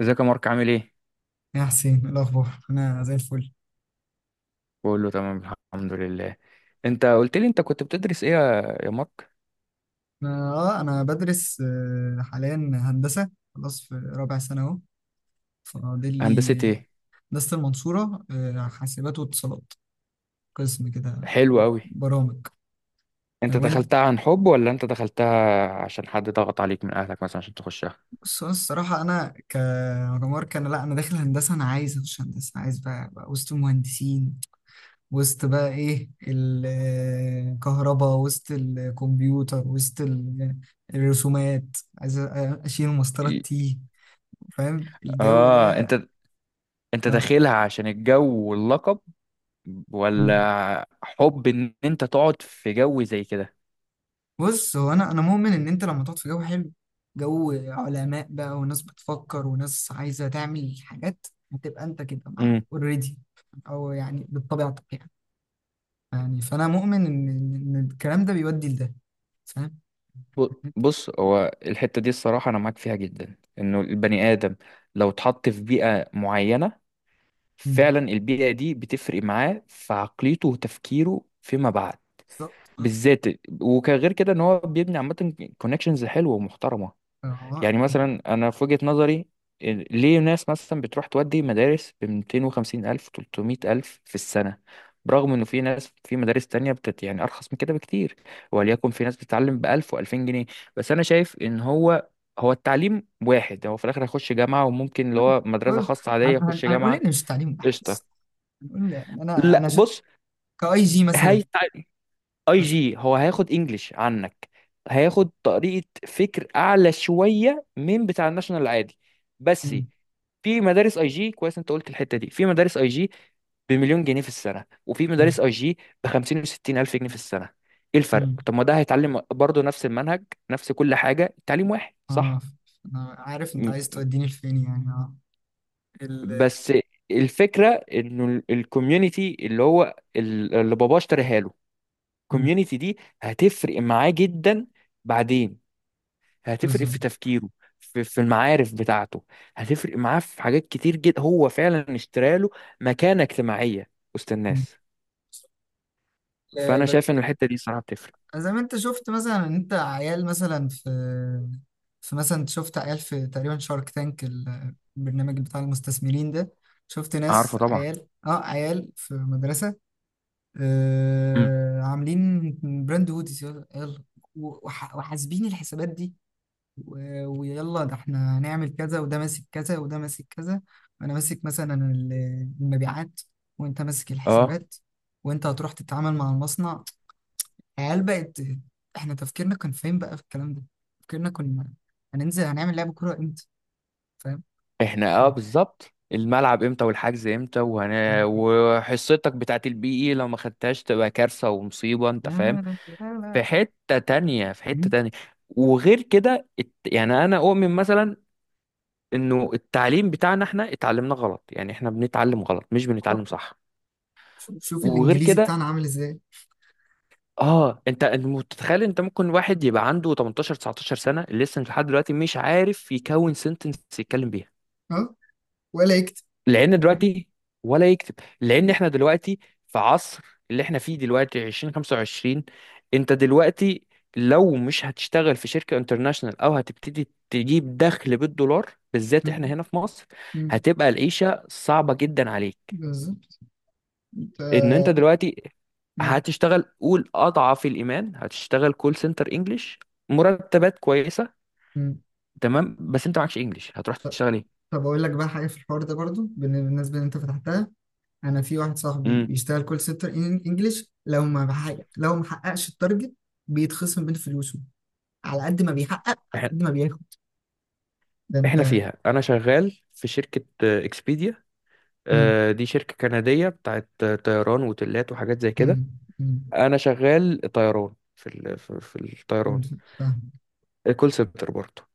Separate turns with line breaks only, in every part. ازيك يا مارك، عامل ايه؟
يا حسين إيه الأخبار؟ أنا زي الفل.
بقول له تمام. الحمد لله. انت قلت لي انت كنت بتدرس ايه يا مارك؟
أنا بدرس حاليا هندسة. خلاص في رابع سنة أهو، فاضل
هندسة
لي
ايه؟
هندسة المنصورة، حاسبات واتصالات، قسم كده
حلو قوي.
برامج.
انت
وأنت؟
دخلتها عن حب، ولا انت دخلتها عشان حد ضغط عليك من اهلك مثلا عشان تخشها؟
بص أنا الصراحة أنا كعمر كان لأ، أنا داخل هندسة، أنا عايز أخش هندسة، عايز بقى وسط المهندسين، وسط بقى إيه الكهرباء، وسط الكمبيوتر، وسط الرسومات، عايز أشيل مسطرة
إيه.
تي. فاهم الجو
اه،
ده؟
انت
آه.
داخلها عشان الجو واللقب،
مم.
ولا حب ان انت تقعد في جو زي كده؟
بص هو انا مؤمن ان انت لما تقعد في جو حلو، جو علماء بقى وناس بتفكر وناس عايزه تعمل حاجات، هتبقى انت كده معاهم
امم.
اوريدي، او يعني بطبيعتك يعني. يعني فانا مؤمن ان ان إن الكلام ده بيودي لده، فاهم.
بص، هو الحتة دي الصراحة انا معاك فيها جدا، انه البني ادم لو اتحط في بيئة معينة،
مم.
فعلا البيئة دي بتفرق معاه في عقليته وتفكيره فيما بعد.
بالظبط اه.
بالذات. وكغير كده ان هو بيبني عامة كونكشنز حلوة ومحترمة.
آه.
يعني مثلا انا في وجهة نظري، ليه ناس مثلا بتروح تودي مدارس ب 250 ألف 300 ألف في السنة، برغم انه في ناس في مدارس تانية بتت يعني ارخص من كده بكتير، وليكن في ناس بتتعلم ب 1000 و2000 جنيه؟ بس انا شايف ان هو التعليم واحد، هو في الاخر هيخش جامعة، وممكن اللي هو مدرسة
بص،
خاصة عادية يخش
هنقول
جامعة.
ان مش تعليم واحد
قشطة.
الصراحة. هنقول يعني انا
لا
انا ش...
بص،
كاي جي مثلا،
هي اي
مثلا.
جي هو هياخد انجليش عنك، هياخد طريقة فكر اعلى شوية من بتاع الناشونال العادي، بس.
مم.
في مدارس اي جي كويس، انت قلت الحتة دي، في مدارس اي جي بمليون جنيه في السنة، وفي مدارس اي جي ب 50 و 60 الف جنيه في السنة. ايه الفرق؟
مم.
طب ما ده هيتعلم برضه نفس المنهج، نفس كل حاجة، التعليم واحد،
اه
صح؟
انا عارف انت
م-
عايز توديني لفين يعني، اه ال.
بس الفكرة، انه الكوميونتي اللي هو اللي باباه اشتريها له،
مم.
الكوميونتي دي هتفرق معاه جدا. بعدين هتفرق في
بالظبط.
تفكيره، في المعارف بتاعته، هتفرق معاه في حاجات كتير جدا. هو فعلا اشترى له مكانة اجتماعية وسط
مم.
الناس.
آه،
فانا
بك-
شايف ان الحتة دي صراحة بتفرق.
زي ما انت شفت، مثلا انت عيال مثلا في، في مثلا انت شفت عيال في تقريبا شارك تانك، البرنامج بتاع المستثمرين ده، شفت ناس
عارفه طبعا.
عيال اه، عيال في مدرسة،
مم.
آه عاملين براند هوديز يلا يلا، وحاسبين الحسابات دي، ويلا ده احنا هنعمل كذا، وده ماسك كذا، وده ماسك كذا، وانا ماسك مثلا المبيعات، وانت ماسك
اه
الحسابات، وانت هتروح تتعامل مع المصنع. عيال بقت، احنا تفكيرنا كان فين بقى في الكلام ده؟ تفكيرنا كنا هننزل هنعمل لعب كورة امتى، فاهم.
احنا، بالظبط، الملعب امتى والحجز امتى، وهنا وحصتك بتاعت البي اي لو ما خدتهاش تبقى كارثة ومصيبة، انت فاهم؟
لا لا لا
في
لا.
حتة تانية، في حتة
مم.
تانية. وغير كده يعني انا اؤمن مثلا انه التعليم بتاعنا احنا اتعلمنا غلط، يعني احنا بنتعلم غلط مش بنتعلم صح.
شوف شوف
وغير
الانجليزي
كده،
بتاعنا عامل ازاي.
اه، انت متخيل انت ممكن واحد يبقى عنده 18 19 سنه لسه لحد دلوقتي مش عارف يكون سنتنس يتكلم بيها؟
اه، ولا يكتب.
لان دلوقتي. ولا يكتب. لان احنا دلوقتي في عصر، اللي احنا فيه دلوقتي 2025، انت دلوقتي لو مش هتشتغل في شركه انترناشونال او هتبتدي تجيب دخل بالدولار، بالذات احنا
مم.
هنا في مصر،
مم.
هتبقى العيشه صعبه جدا عليك.
بالظبط.
ان انت
ف-.
دلوقتي
مم.
هتشتغل، قول اضعف الايمان، هتشتغل كول سنتر انجلش، مرتبات كويسه،
مم.
تمام. بس انت معكش انجلش، هتروح تشتغل ايه؟
طب اقول لك بقى حاجه في الحوار ده برضو بالنسبه اللي انت فتحتها، انا في واحد صاحبي
امم.
بيشتغل كول سنتر انجلش، لو ما بحقق لو ما حققش التارجت بيتخصم من فلوسه، على قد ما بيحقق على
احنا،
قد ما بياخد. ده
إحنا
انت.
فيها انا شغال في شركه اكسبيديا،
مم.
دي شركه كنديه بتاعت طيران وتلات وحاجات زي كده.
مم. مم.
انا شغال طيران في ال... في في الطيران،
فهمت. فاهم.
كول سنتر برضه،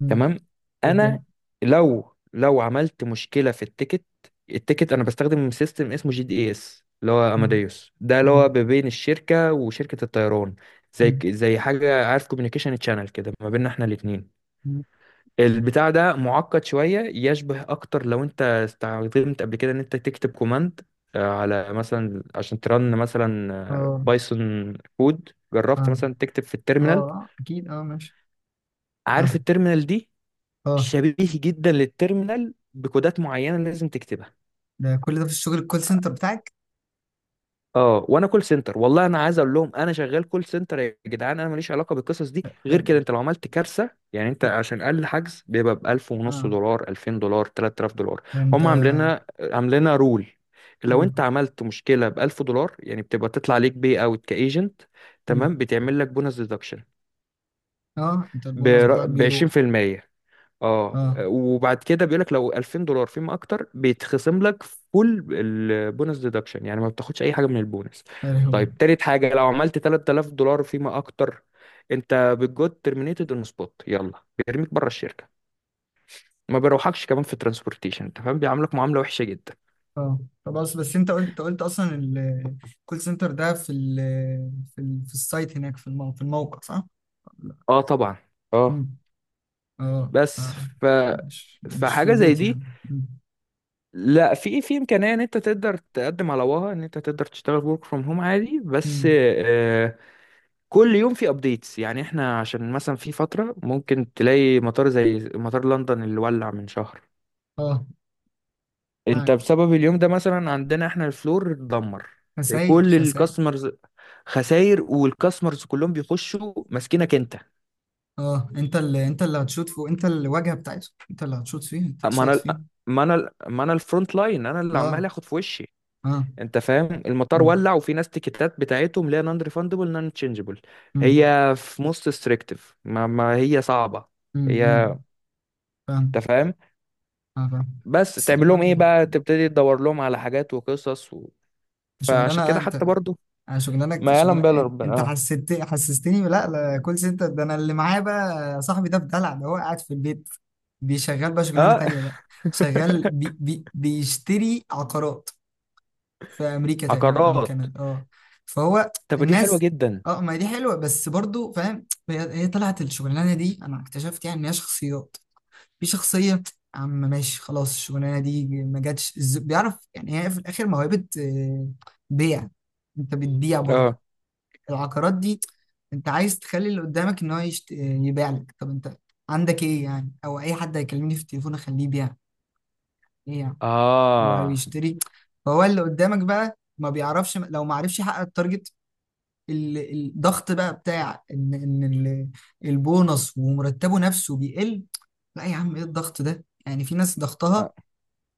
مم.
تمام.
إيه الدنيا.
انا لو عملت مشكله في التيكت، التيكت انا بستخدم سيستم اسمه جي دي اس، اللي هو
مم.
اماديوس، ده اللي هو
مم.
ما بين الشركه وشركه الطيران،
مم.
زي حاجه، عارف، كوميونيكيشن تشانل كده ما بيننا احنا الاثنين.
مم.
البتاع ده معقد شويه، يشبه اكتر لو انت استخدمت قبل كده ان انت تكتب كوماند على مثلا عشان ترن مثلا
اه
بايثون كود،
اه
جربت مثلا تكتب في
اه
التيرمينال؟
آه، اكيد اه ماشي.
عارف
فاهم.
التيرمينال دي؟
اه.
شبيه جدا للتيرمينال، بكودات معينه لازم تكتبها.
ده كل ده في الشغل الكول سنتر بتاعك؟
اه، وانا كول سنتر، والله انا عايز اقول لهم انا شغال كول سنتر يا جدعان، انا ماليش علاقه بالقصص دي. غير
فاهم.
كده، انت لو عملت كارثه يعني، انت عشان اقل حجز بيبقى ب 1000 ونص
اه.
دولار، 2000 دولار، 3000 دولار.
ده انت.
هم عاملينها، عاملينها رول: لو
مم.
انت عملت مشكله ب 1000 دولار يعني، بتبقى تطلع عليك بي اوت كايجنت،
مم.
تمام، بتعمل لك بونس ديدكشن
اه، انت البونص بتاعك
ب
بيروح.
20%. اه،
اه،
وبعد كده بيقول لك لو 2000 دولار فيما اكتر، بيتخصم لك فول البونس ديدكشن، يعني ما بتاخدش اي حاجه من البونس.
يا لهوي.
طيب، تالت حاجه، لو عملت 3000 دولار فيما اكتر، انت بتجود ترمينيتد اون سبوت، يلا بيرميك بره الشركه، ما بيروحكش كمان في ترانسبورتيشن. انت فاهم؟ بيعاملك معامله وحشه جدا.
اه. طب اصل بس انت قلت اصلا الكول سنتر ده في ال في ال في السايت هناك في في الموقع، صح؟
اه طبعا، اه.
امم. اه.
بس
آه. مش مش في
فحاجه زي
البيت
دي،
يعني. امم.
لا، في في امكانيه ان انت تقدر تقدم على وها، ان انت تقدر تشتغل ورك فروم هوم عادي، بس
امم.
كل يوم في ابديتس، يعني احنا عشان مثلا في فترة ممكن تلاقي مطار زي مطار لندن اللي ولع من شهر،
اه،
انت
معاك،
بسبب اليوم ده مثلا عندنا احنا الفلور اتدمر،
خساير
كل
خساير.
الكاستمرز خساير، والكاستمرز كلهم بيخشوا ماسكينك انت.
اه، انت اللي هتشوط فوق، انت الواجهه بتاعته، انت اللي هتشوط فيه، انت
ما
تشوط
انا
فيه.
ما انا الفرونت لاين، انا اللي
اه.
عمال اخد في وشي.
اه.
انت فاهم؟ المطار
امم.
ولع، وفي ناس تيكتات بتاعتهم لا نون ريفاندبل نون تشينجبل،
امم.
هي في موست ستريكتيف، ما هي صعبة.
امم. امم.
هي، انت
فاهمك.
فاهم،
اه، فاهم.
بس
بس
تعمل لهم
الحمد
ايه بقى،
لله.
تبتدي تدور لهم على حاجات وقصص و... فعشان
شغلانه
كده
انت،
حتى برضو،
انا شغلانك
ما
شغل.
يعلم بها الا ربنا.
انت
اه.
حسستني، لا لا كول سنتر ده انا اللي معايا بقى صاحبي ده بدلع، ده هو قاعد في البيت، بيشغل بقى شغلانه
اه.
تانية بقى، شغال بي بي بيشتري عقارات في امريكا تقريبا او
عقارات؟
كندا اه. فهو
طب دي حلوة
الناس،
جدا.
اه ما دي حلوه، بس برضو فاهم هي طلعت الشغلانه دي، انا اكتشفت يعني ان هي شخصيات، في شخصيه يا عم، ماشي خلاص الشغلانه دي ما جاتش بيعرف يعني، هي في الاخر موهبه. بيع. انت بتبيع برضو
اه.
العقارات دي؟ انت عايز تخلي اللي قدامك ان هو يبيع لك. طب انت عندك ايه يعني، او اي حد هيكلمني في التليفون اخليه يبيع ايه يعني، او او
اه.
يشتري. فهو اللي قدامك بقى ما بيعرفش، لو ما عرفش يحقق التارجت، ال- الضغط بقى بتاع البونص ومرتبه نفسه بيقل. لا يا عم، ايه الضغط ده؟ يعني في ناس ضغطها
آه،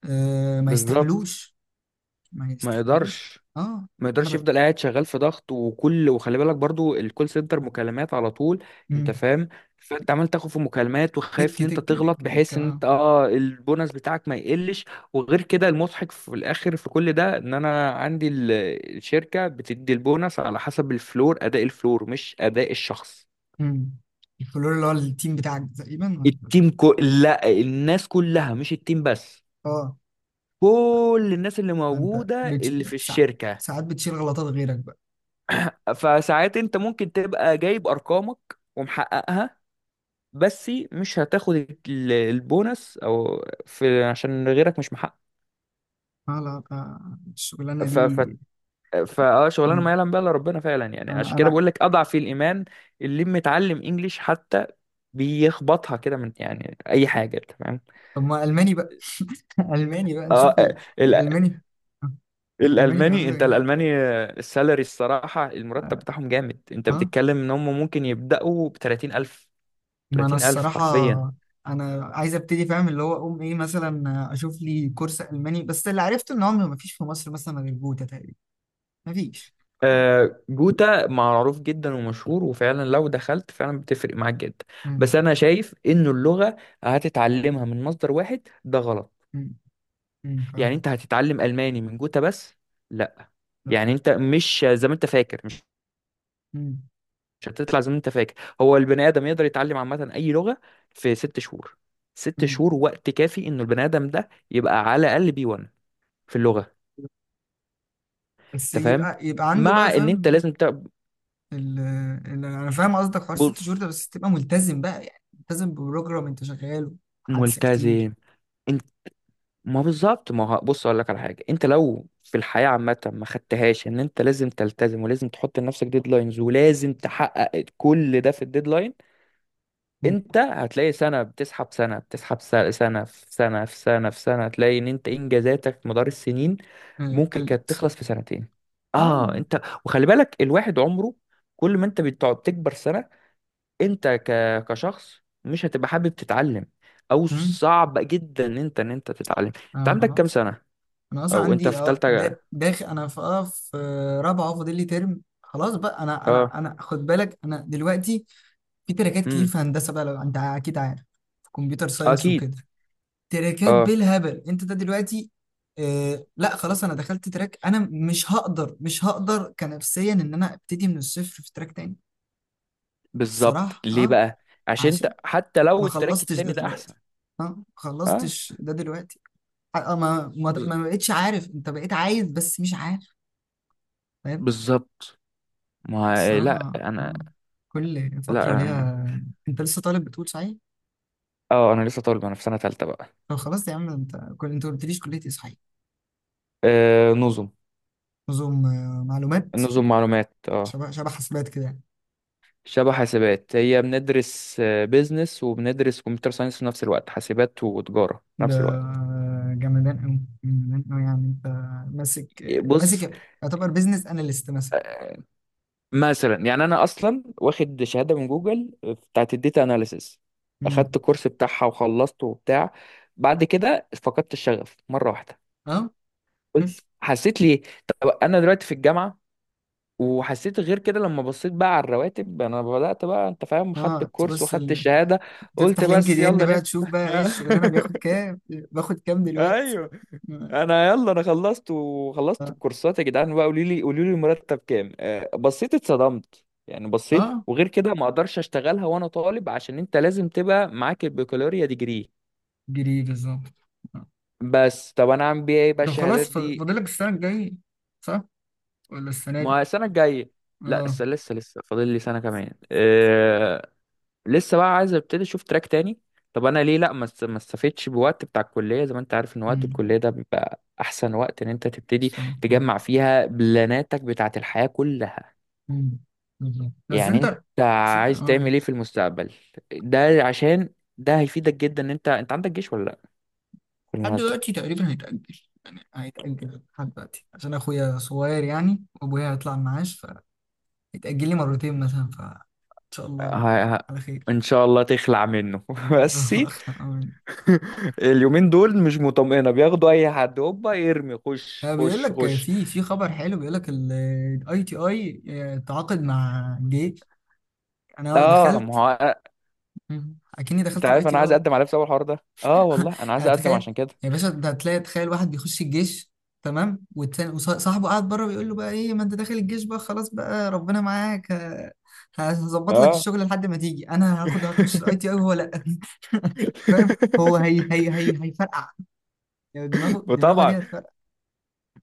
ما
بالظبط.
يستحملوش، ما
ما
يستحملوش،
يقدرش.
اه.
ما
انا
يقدرش
بقى.
يفضل قاعد شغال في ضغط وكل، وخلي بالك برضو الكول سنتر مكالمات على طول، انت
مم.
فاهم؟ فانت عمال تاخد في مكالمات
تك
وخايف ان انت
تك
تغلط،
تك تك
بحيث ان
اه.
انت، اه، البونص بتاعك ما يقلش. وغير كده المضحك في الاخر في كل ده، ان انا عندي الشركة بتدي البونص على حسب الفلور، اداء الفلور مش اداء الشخص.
مم. الفلور اللي هو التيم بتاعك تقريبا ولا-؟
التيم لا، الناس كلها مش التيم بس،
اه.
كل الناس اللي
فانت
موجودة اللي في
ساعات،
الشركة.
ساعات بتشيل غلطات غيرك بقى.
فساعات انت ممكن تبقى جايب ارقامك ومحققها، بس مش هتاخد البونص، او في عشان غيرك مش محقق.
اه لا، الشغلانه دي.
ف ف فا اه شغلانه ما
مم.
يعلم بها الا ربنا فعلا يعني، عشان
انا
كده
انا
بقول لك اضعف الايمان، اللي متعلم انجليش حتى بيخبطها كده من يعني اي حاجه، انت فاهم؟
طب ما الماني بقى. الماني بقى
اه
نشوف
ال-
الالماني. آه، الالماني
الالماني،
بيعملوا
انت
ايه؟
الالماني، السالري الصراحه، المرتب
اه.
بتاعهم جامد، انت
آه.
بتتكلم ان هم ممكن يبداوا ب 30000.
ما انا
30000
الصراحه
حرفيا.
انا عايز ابتدي، فاهم اللي هو اقوم ايه مثلا، اشوف لي كورس الماني، بس اللي عرفته ان هو ما فيش في مصر مثلا غير جوتا تقريبا، ما فيش.
جوتا معروف جدا ومشهور، وفعلا لو دخلت فعلا بتفرق معاك جدا.
امم.
بس انا شايف انه اللغة هتتعلمها من مصدر واحد ده غلط،
امم،
يعني
فاهم.
انت هتتعلم الماني من جوتا بس؟ لا.
لا.
يعني انت مش زي ما انت فاكر، مش هتطلع زي ما انت فاكر. هو البني ادم يقدر يتعلم عامة اي لغة في ست شهور، ست
امم.
شهور وقت كافي انه البني ادم ده يبقى على الاقل بي 1 في اللغة،
بس
انت فاهم؟
يبقى عنده
مع
بقى،
ان انت
فاهم
لازم
ال... انا فاهم قصدك، حوار ست
بص،
شهور ده بس تبقى ملتزم بقى، يعني ملتزم ببروجرام انت شغاله، حادثة كتير.
ملتزم. ما بالظبط، ما هو بص اقول لك على حاجه، انت لو في الحياه عامه ما خدتهاش ان انت لازم تلتزم ولازم تحط لنفسك ديدلاينز ولازم تحقق كل ده في الديدلاين،
م.
انت هتلاقي سنه بتسحب، سنه بتسحب، سنه، سنه في سنه في سنه في سنه، هتلاقي ان انت انجازاتك مدار السنين ممكن كانت
قلت.
تخلص في سنتين. اه،
اه.
انت وخلي بالك الواحد عمره كل ما انت بتقعد تكبر سنه، انت ك... كشخص مش هتبقى حابب تتعلم، او
امم.
صعب جدا ان انت تتعلم. انت
اه
عندك كام
خلاص،
سنه؟
انا اصلا
او انت
عندي
في
اه
تالتة؟
داخل انا في اه في رابعه، فاضل لي ترم خلاص بقى. انا
اه.
انا انا خد بالك انا دلوقتي في تراكات كتير
امم.
في هندسه بقى، لو انت اكيد عارف، في كمبيوتر ساينس
اكيد.
وكده، تراكات
اه،
بالهبل انت ده دلوقتي. آه لا خلاص انا دخلت تراك، انا مش هقدر مش هقدر كنفسيا ان انا ابتدي من الصفر في تراك تاني.
بالظبط
الصراحة
ليه
اه،
بقى؟ عشان انت
عشان
حتى
ما
لو التراك
خلصتش ده
التاني ده احسن.
دلوقتي، اه ما
اه.
خلصتش ده دلوقتي. آه آه، ما ما
بز-
ما بقتش عارف، انت بقيت عايز بس مش عارف، فاهم.
بالظبط. ما، لا
الصراحة
انا،
اه، كل فترة
لا انا،
ليها. انت لسه طالب بتقول صحيح؟
اه انا لسه طالب، انا في سنة تالتة بقى.
طب خلاص يا عم انت، كل انت ما قلتليش كلية ايه صحيح.
آه، نظم.
نظم، معلومات.
نظم معلومات، اه.
شبه شبه حاسبات كده يعني.
شبه حاسبات. هي بندرس بيزنس وبندرس كمبيوتر ساينس في نفس الوقت، حاسبات وتجارة في
ده
نفس الوقت.
جمدان أوي جمدان أوي، يعني أنت ماسك،
بص،
ماسك يعتبر بيزنس أناليست مثلا.
مثلا يعني انا اصلا واخد شهاده من جوجل بتاعت الداتا اناليسيس،
مم.
اخدت كورس بتاعها وخلصته وبتاع. بعد كده فقدت الشغف مره واحده.
أه.
قلت
بس
حسيت ليه. طب انا دلوقتي في الجامعه، وحسيت غير كده لما بصيت بقى على الرواتب، انا بدات بقى، انت فاهم، خدت
أه
الكورس
تبص
واخدت الشهاده، قلت
تفتح لينكد
بس
إن
يلا
بقى تشوف
نفتح.
بقى إيه الشغلانة بياخد كام باخد كام دلوقتي.
ايوه.
أه.
انا يلا، انا خلصت وخلصت
آه،
الكورسات يا جدعان بقى، قولي لي المرتب كام، بصيت اتصدمت يعني، بصيت،
آه،
وغير كده ما اقدرش اشتغلها وانا طالب، عشان انت لازم تبقى معاك البكالوريا ديجري.
جري بالظبط. آه.
بس طب انا اعمل بيها ايه بقى
طب
الشهادات
خلاص
دي؟
فاضلك السنة الجاية صح ولا السنة دي؟
ما السنه الجايه. لا،
أه.
لسه لسه لسه فاضل لي سنه كمان، أه. لسه بقى عايز ابتدي اشوف تراك تاني. طب انا ليه لا ما استفدتش بوقت بتاع الكليه، زي ما انت عارف ان وقت الكليه
مم.
ده بيبقى احسن وقت ان انت تبتدي
صح.
تجمع
آه.
فيها بلاناتك بتاعت الحياه كلها.
مم. بالظبط. بس
يعني
أنت،
انت
بس أنت
عايز
أه
تعمل ايه في المستقبل؟ ده عشان ده هيفيدك جدا. ان انت، انت عندك جيش ولا لا،
لحد
بالمناسبة؟
دلوقتي تقريبا هيتأجل، يعني هيتأجل لحد دلوقتي عشان أخويا صغير يعني، وأبويا هيطلع المعاش، فهيتأجل لي مرتين مثلا، فإن شاء الله
ه... ه...
على خير.
ان شاء الله تخلع منه
إن شاء
بس.
الله أخلع، أمين.
اليومين دول مش مطمئنة، بياخدوا اي حد هوبا يرمي خش
بيقول
خش
لك
خش.
في في خبر حلو، بيقول لك الاي تي اي تعاقد مع جيش. انا
اه.
دخلت.
ما هو،
مم. اكني
انت
دخلت الاي
عارف
تي
انا عايز
اي.
اقدم على إيه بسبب الحوار ده؟ اه والله انا عايز
يعني
اقدم
تخيل
عشان كده.
يا باشا، انت هتلاقي تخيل واحد بيخش الجيش، تمام، والتاني وصاحبه قاعد بره بيقول له بقى ايه، ما انت داخل الجيش بقى خلاص بقى ربنا معاك، هظبط لك
اه.
الشغل لحد ما تيجي، انا هاخد هخش الاي تي اي وهو لا. فاهم. هو هي هي هي هيفرقع، يعني دماغه دماغه
وطبعا،
دي هتفرقع.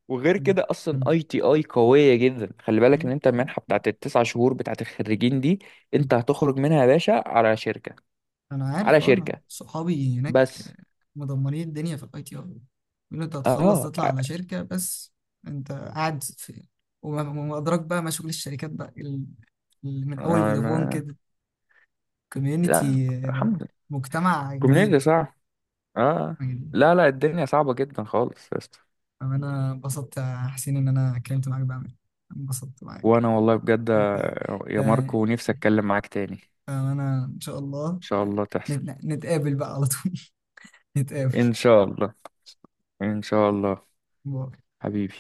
وغير
م-
كده اصلا
م-
اي تي اي قويه جدا، خلي بالك ان انت المنحه بتاعت التسع شهور بتاعت الخريجين دي،
م-
انت هتخرج منها يا باشا على شركه،
انا
على
عارف اه، انا
شركه،
صحابي هناك
بس.
مدمرين الدنيا في الاي تي اي، يقولوا انت هتخلص
اه.
تطلع على شركه بس، انت قاعد في، وما وما ادراك بقى ما شغل الشركات بقى من اول فودافون
ما،
كده.
لا،
كوميونتي،
الحمد لله.
مجتمع
الكوميونيتي
جديد،
صعب. اه.
جديد.
لا لا، الدنيا صعبه جدا خالص يا اسطى.
انا انبسطت يا حسين ان انا اتكلمت معاك بقى، انبسطت معاك.
وانا والله بجد،
انت،
يا
انت،
ماركو، نفسي اتكلم معاك تاني ان
انا ان شاء الله
شاء الله تحصل.
نتقابل بقى على طول. نتقابل.
ان شاء الله. ان شاء الله.
باي.
حبيبي.